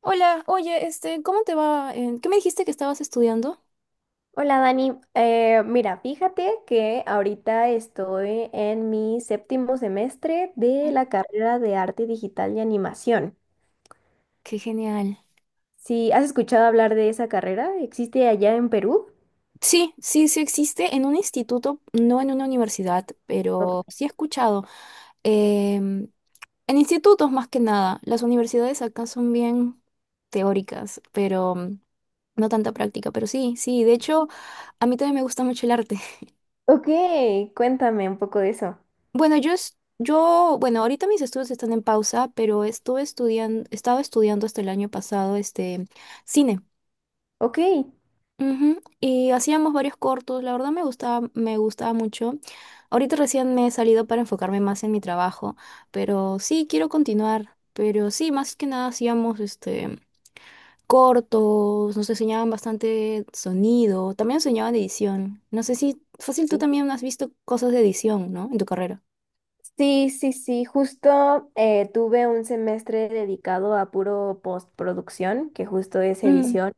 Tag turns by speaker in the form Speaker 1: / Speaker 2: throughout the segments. Speaker 1: Hola, oye, este, ¿cómo te va? ¿Qué me dijiste que estabas estudiando?
Speaker 2: Hola Dani, mira, fíjate que ahorita estoy en mi séptimo semestre de la carrera de arte digital y animación.
Speaker 1: Qué genial.
Speaker 2: Si has escuchado hablar de esa carrera, ¿existe allá en Perú?
Speaker 1: Sí, sí, sí existe en un instituto, no en una universidad,
Speaker 2: Ok,
Speaker 1: pero sí he escuchado. em, en institutos más que nada, las universidades acá son bien teóricas, pero no tanta práctica, pero sí, sí, de hecho, a mí también me gusta mucho el arte.
Speaker 2: ok, cuéntame un poco de eso.
Speaker 1: Bueno, yo, bueno, ahorita mis estudios están en pausa, pero estaba estudiando hasta el año pasado, este, cine.
Speaker 2: Ok.
Speaker 1: Ujú. Y hacíamos varios cortos, la verdad me gustaba mucho. Ahorita recién me he salido para enfocarme más en mi trabajo, pero sí, quiero continuar. Pero sí, más que nada hacíamos este cortos, nos enseñaban bastante sonido, también enseñaban edición. No sé si fácil tú
Speaker 2: Sí,
Speaker 1: también has visto cosas de edición, ¿no? En tu carrera.
Speaker 2: sí, sí, sí, justo tuve un semestre dedicado a puro postproducción, que justo es
Speaker 1: Mm,
Speaker 2: edición.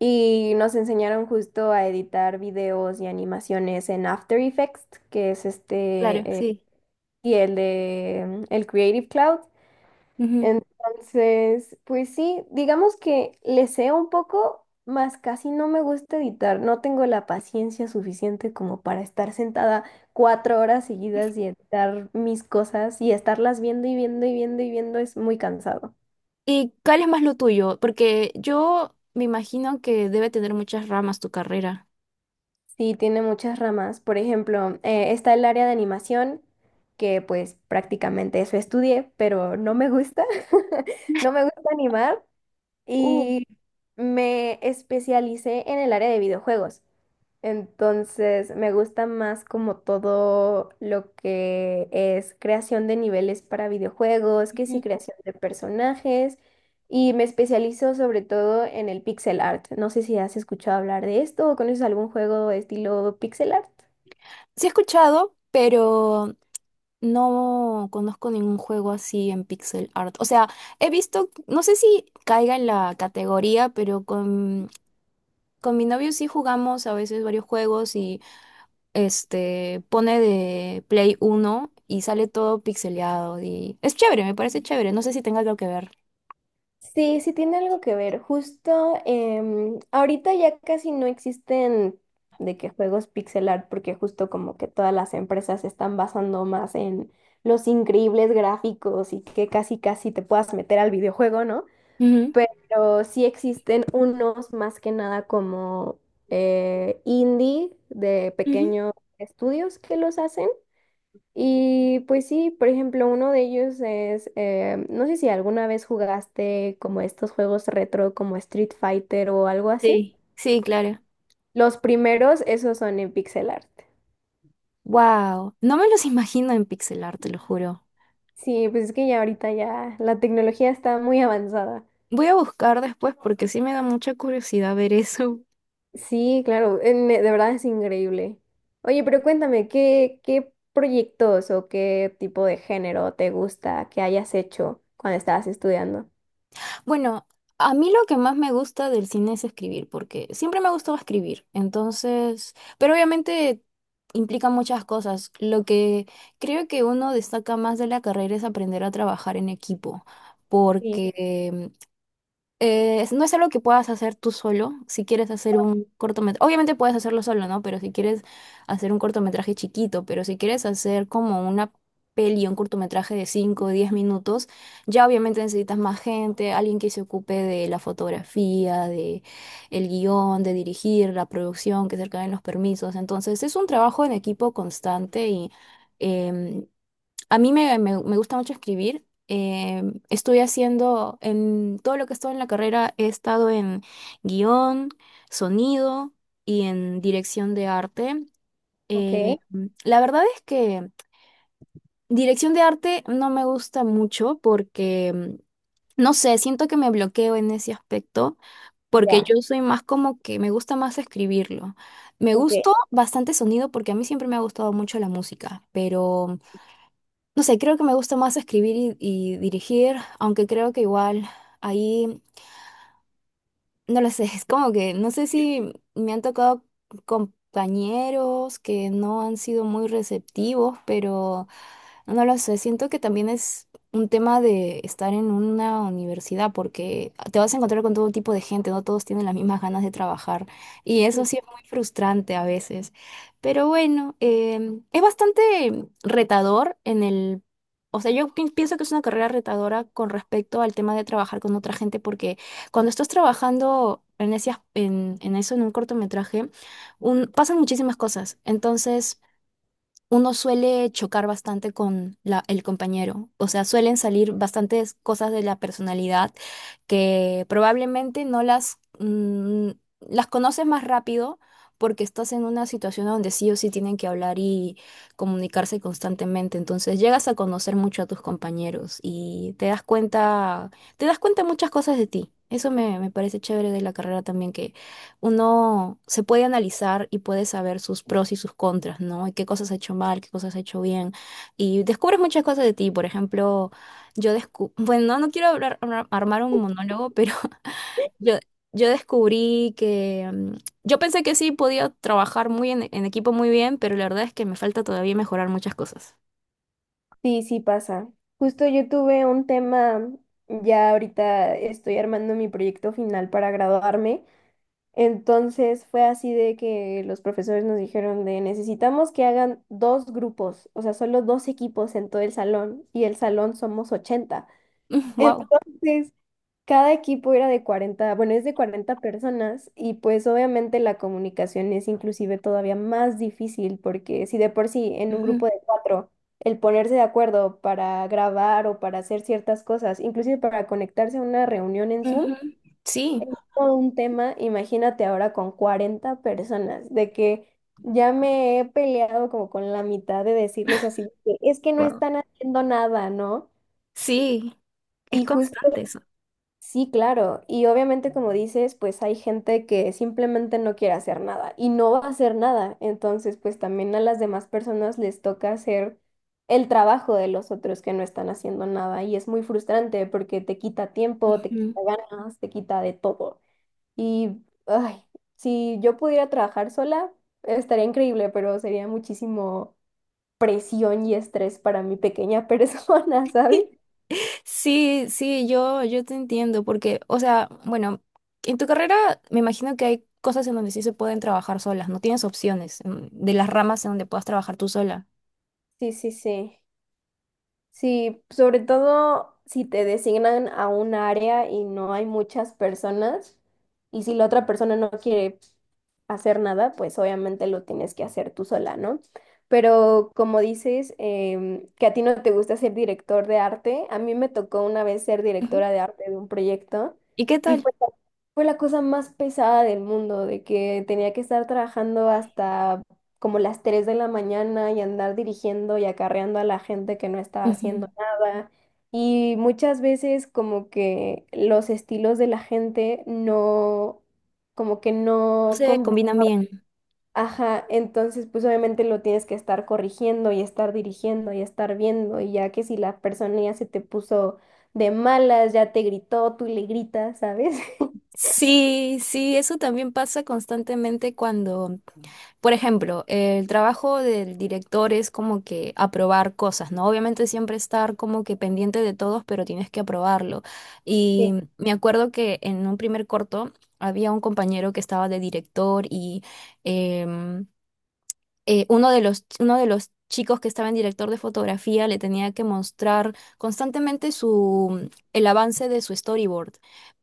Speaker 2: Y nos enseñaron justo a editar videos y animaciones en After Effects, que es
Speaker 1: claro,
Speaker 2: este,
Speaker 1: sí.
Speaker 2: y el de el Creative Cloud.
Speaker 1: Ujú.
Speaker 2: Entonces, pues sí, digamos que le sé un poco, más casi no me gusta editar. No tengo la paciencia suficiente como para estar sentada 4 horas seguidas y editar mis cosas y estarlas viendo y viendo y viendo y viendo es muy cansado.
Speaker 1: ¿Y cuál es más lo tuyo? Porque yo me imagino que debe tener muchas ramas tu carrera.
Speaker 2: Sí, tiene muchas ramas. Por ejemplo, está el área de animación, que pues prácticamente eso estudié, pero no me gusta. No me gusta animar
Speaker 1: Uh.
Speaker 2: y me especialicé en el área de videojuegos. Entonces, me gusta más como todo lo que es creación de niveles para videojuegos, que sí, creación de personajes, y me especializo sobre todo en el pixel art. No sé si has escuchado hablar de esto o conoces algún juego estilo pixel art.
Speaker 1: Sí he escuchado, pero no conozco ningún juego así en pixel art. O sea, he visto, no sé si caiga en la categoría, pero con mi novio sí jugamos a veces varios juegos y este pone de Play uno y sale todo pixeleado y es chévere, me parece chévere. No sé si tenga algo que ver.
Speaker 2: Sí, sí tiene algo que ver. Justo ahorita ya casi no existen de que juegos pixel art, porque justo como que todas las empresas se están basando más en los increíbles gráficos y que casi casi te puedas meter al videojuego, ¿no?
Speaker 1: Ujú.
Speaker 2: Pero sí existen unos más que nada como indie de
Speaker 1: Ujú.
Speaker 2: pequeños estudios que los hacen. Y pues sí, por ejemplo, uno de ellos es, no sé si alguna vez jugaste como estos juegos retro como Street Fighter o algo así.
Speaker 1: Sí. Sí, claro.
Speaker 2: Los primeros, esos son en pixel art.
Speaker 1: Wow, no me los imagino en pixel art, te lo juro.
Speaker 2: Sí, pues es que ya ahorita ya la tecnología está muy avanzada.
Speaker 1: Voy a buscar después porque sí me da mucha curiosidad ver eso.
Speaker 2: Sí, claro, en- de verdad es increíble. Oye, pero cuéntame, ¿qué proyectos o qué tipo de género te gusta que hayas hecho cuando estabas estudiando?
Speaker 1: Bueno, a mí lo que más me gusta del cine es escribir, porque siempre me ha gustado escribir, entonces, pero obviamente implica muchas cosas. Lo que creo que uno destaca más de la carrera es aprender a trabajar en equipo,
Speaker 2: Sí,
Speaker 1: porque no es algo que puedas hacer tú solo. Si quieres hacer un cortometraje, obviamente puedes hacerlo solo, ¿no? Pero si quieres hacer un cortometraje chiquito, pero si quieres hacer como una peli, un cortometraje de 5 o 10 minutos, ya obviamente necesitas más gente, alguien que se ocupe de la fotografía, de el guión, de dirigir la producción, que se acaben los permisos. Entonces es un trabajo en equipo constante y… em, a mí me gusta mucho escribir. Estoy haciendo, en todo lo que he estado en la carrera, he estado en guión, sonido y en dirección de arte. Eh,
Speaker 2: ok,
Speaker 1: la verdad es que dirección de arte no me gusta mucho porque, no sé, siento que me bloqueo en ese aspecto porque
Speaker 2: ya,
Speaker 1: yo soy más como que me gusta más escribirlo. Me
Speaker 2: ok.
Speaker 1: gustó bastante sonido porque a mí siempre me ha gustado mucho la música, pero… No sé, creo que me gusta más escribir y dirigir, aunque creo que igual ahí no lo sé, es como que no sé si me han tocado compañeros que no han sido muy receptivos, pero no lo sé, siento que también es un tema de estar en una universidad porque te vas a encontrar con todo tipo de gente, no todos tienen las mismas ganas de trabajar y eso sí es muy frustrante a veces. Pero bueno, es bastante retador en el… O sea, pienso que es una carrera retadora con respecto al tema de trabajar con otra gente porque cuando estás trabajando en en eso, en un cortometraje, pasan muchísimas cosas. Entonces, uno suele chocar bastante con el compañero. O sea, suelen salir bastantes cosas de la personalidad que probablemente no las, las conoces más rápido porque estás en una situación donde sí o sí tienen que hablar y comunicarse constantemente. Entonces llegas a conocer mucho a tus compañeros y te das cuenta muchas cosas de ti. Eso me parece chévere de la carrera también. Uno se puede analizar y puede saber sus pros y sus contras, ¿no? Y qué cosas ha hecho mal, qué cosas ha hecho bien. Y descubres muchas cosas de ti. Por ejemplo, yo descubrí, bueno, no no quiero armar un monólogo, pero yo, yo descubrí que yo pensé que sí podía trabajar en equipo muy bien, pero la verdad es que me falta todavía mejorar muchas cosas.
Speaker 2: Sí, sí pasa. Justo yo tuve un tema, ya ahorita estoy armando mi proyecto final para graduarme, entonces fue así de que los profesores nos dijeron de necesitamos que hagan dos grupos, o sea, solo dos equipos en todo el salón y el salón somos 80.
Speaker 1: Wow.
Speaker 2: Entonces, cada equipo era de 40, bueno, es de 40 personas y pues obviamente la comunicación es inclusive todavía más difícil porque si de por sí en un grupo de cuatro el ponerse de acuerdo para grabar o para hacer ciertas cosas, inclusive para conectarse a una reunión en Zoom,
Speaker 1: Sí,
Speaker 2: es todo un tema, imagínate ahora con 40 personas, de que ya me he peleado como con la mitad de decirles así, de que, es que no
Speaker 1: wow.
Speaker 2: están haciendo nada, ¿no?
Speaker 1: Sí, es
Speaker 2: Y justo
Speaker 1: constante eso.
Speaker 2: sí, claro. Y obviamente, como dices, pues hay gente que simplemente no quiere hacer nada y no va a hacer nada. Entonces, pues también a las demás personas les toca hacer el trabajo de los otros que no están haciendo nada. Y es muy frustrante porque te quita tiempo, te
Speaker 1: Ujú.
Speaker 2: quita ganas, te quita de todo. Y, ay, si yo pudiera trabajar sola, estaría increíble, pero sería muchísimo presión y estrés para mi pequeña persona, ¿sabes?
Speaker 1: Sí, sí, yo te entiendo, porque, o sea, bueno, en tu carrera me imagino que hay cosas en donde sí se pueden trabajar solas, no tienes opciones de las ramas en donde puedas trabajar tú sola.
Speaker 2: Sí, sí, sí. Sí, sobre todo si te designan a un área y no hay muchas personas y si la otra persona no quiere hacer nada, pues obviamente lo tienes que hacer tú sola, ¿no? Pero como dices, que a ti no te gusta ser director de arte, a mí me tocó una vez ser
Speaker 1: Ujú.
Speaker 2: directora de arte de un proyecto
Speaker 1: ¿Y qué
Speaker 2: y
Speaker 1: tal?
Speaker 2: fue, fue la cosa más pesada del mundo, de que tenía que estar trabajando hasta como las 3 de la mañana y andar dirigiendo y acarreando a la gente que no estaba
Speaker 1: Ujú.
Speaker 2: haciendo nada. Y muchas veces como que los estilos de la gente no, como que no.
Speaker 1: Se combinan bien.
Speaker 2: Ajá, entonces pues obviamente lo tienes que estar corrigiendo y estar dirigiendo y estar viendo y ya que si la persona ya se te puso de malas, ya te gritó, tú le gritas, ¿sabes?
Speaker 1: Sí, sí, eso también pasa constantemente cuando… Por ejemplo, el trabajo del director es como que aprobar cosas, ¿no? Obviamente siempre estar como que pendiente de todos, pero tienes que aprobarlo.
Speaker 2: Sí,
Speaker 1: Y me acuerdo que en un primer corto había un compañero que estaba de director y em, uno de uno de los chicos que estaba en director de fotografía le tenía que mostrar constantemente su, el avance de su storyboard,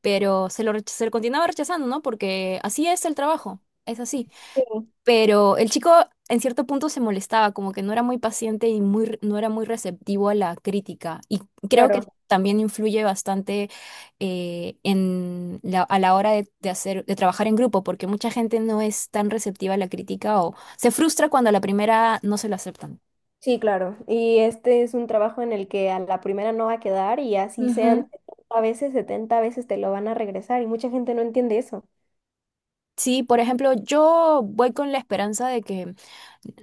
Speaker 1: pero se lo continuaba rechazando, ¿no? Porque así es el trabajo, es así.
Speaker 2: sí,
Speaker 1: Pero el chico en cierto punto se molestaba, como que no era muy paciente y no era muy receptivo a la crítica. Y creo que
Speaker 2: claro.
Speaker 1: también influye bastante a la hora de hacer, de trabajar en grupo, porque mucha gente no es tan receptiva a la crítica o se frustra cuando a la primera no se lo aceptan.
Speaker 2: Sí, claro. Y este es un trabajo en el que a la primera no va a quedar y así sean
Speaker 1: Ujú.
Speaker 2: 70 veces, 70 veces te lo van a regresar y mucha gente no entiende eso.
Speaker 1: Sí, por ejemplo, yo voy con la esperanza de que,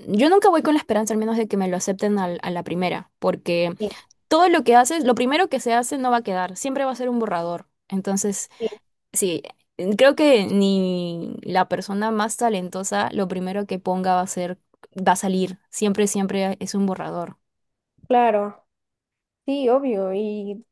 Speaker 1: yo nunca voy con la esperanza al menos de que me lo acepten a la primera, porque
Speaker 2: Sí,
Speaker 1: todo lo que haces, lo primero que se hace no va a quedar, siempre va a ser un borrador. Entonces,
Speaker 2: sí.
Speaker 1: sí, creo que ni la persona más talentosa, lo primero que ponga va a ser, va a salir, siempre, siempre es un borrador.
Speaker 2: Claro, sí, obvio. Y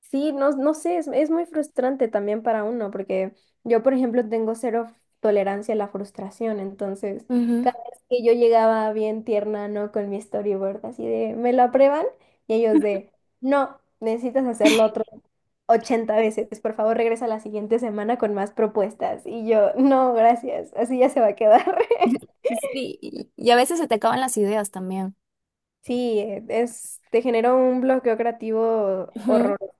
Speaker 2: sí, no, no sé, es muy frustrante también para uno, porque yo, por ejemplo, tengo cero tolerancia a la frustración, entonces
Speaker 1: Ujú.
Speaker 2: cada vez que yo llegaba bien tierna, ¿no? Con mi storyboard, así de, ¿me lo aprueban? Y ellos de, no, necesitas hacerlo otro 80 veces, por favor, regresa la siguiente semana con más propuestas. Y yo, no, gracias, así ya se va a quedar.
Speaker 1: Sí, y a veces se te acaban las ideas también.
Speaker 2: Sí, te generó un bloqueo creativo
Speaker 1: Ujú.
Speaker 2: horroroso.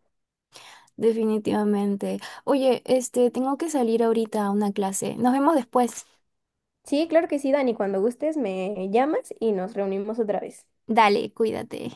Speaker 1: Definitivamente. Oye, este, tengo que salir ahorita a una clase. Nos vemos después.
Speaker 2: Sí, claro que sí, Dani. Cuando gustes me llamas y nos reunimos otra vez.
Speaker 1: Dale, cuídate.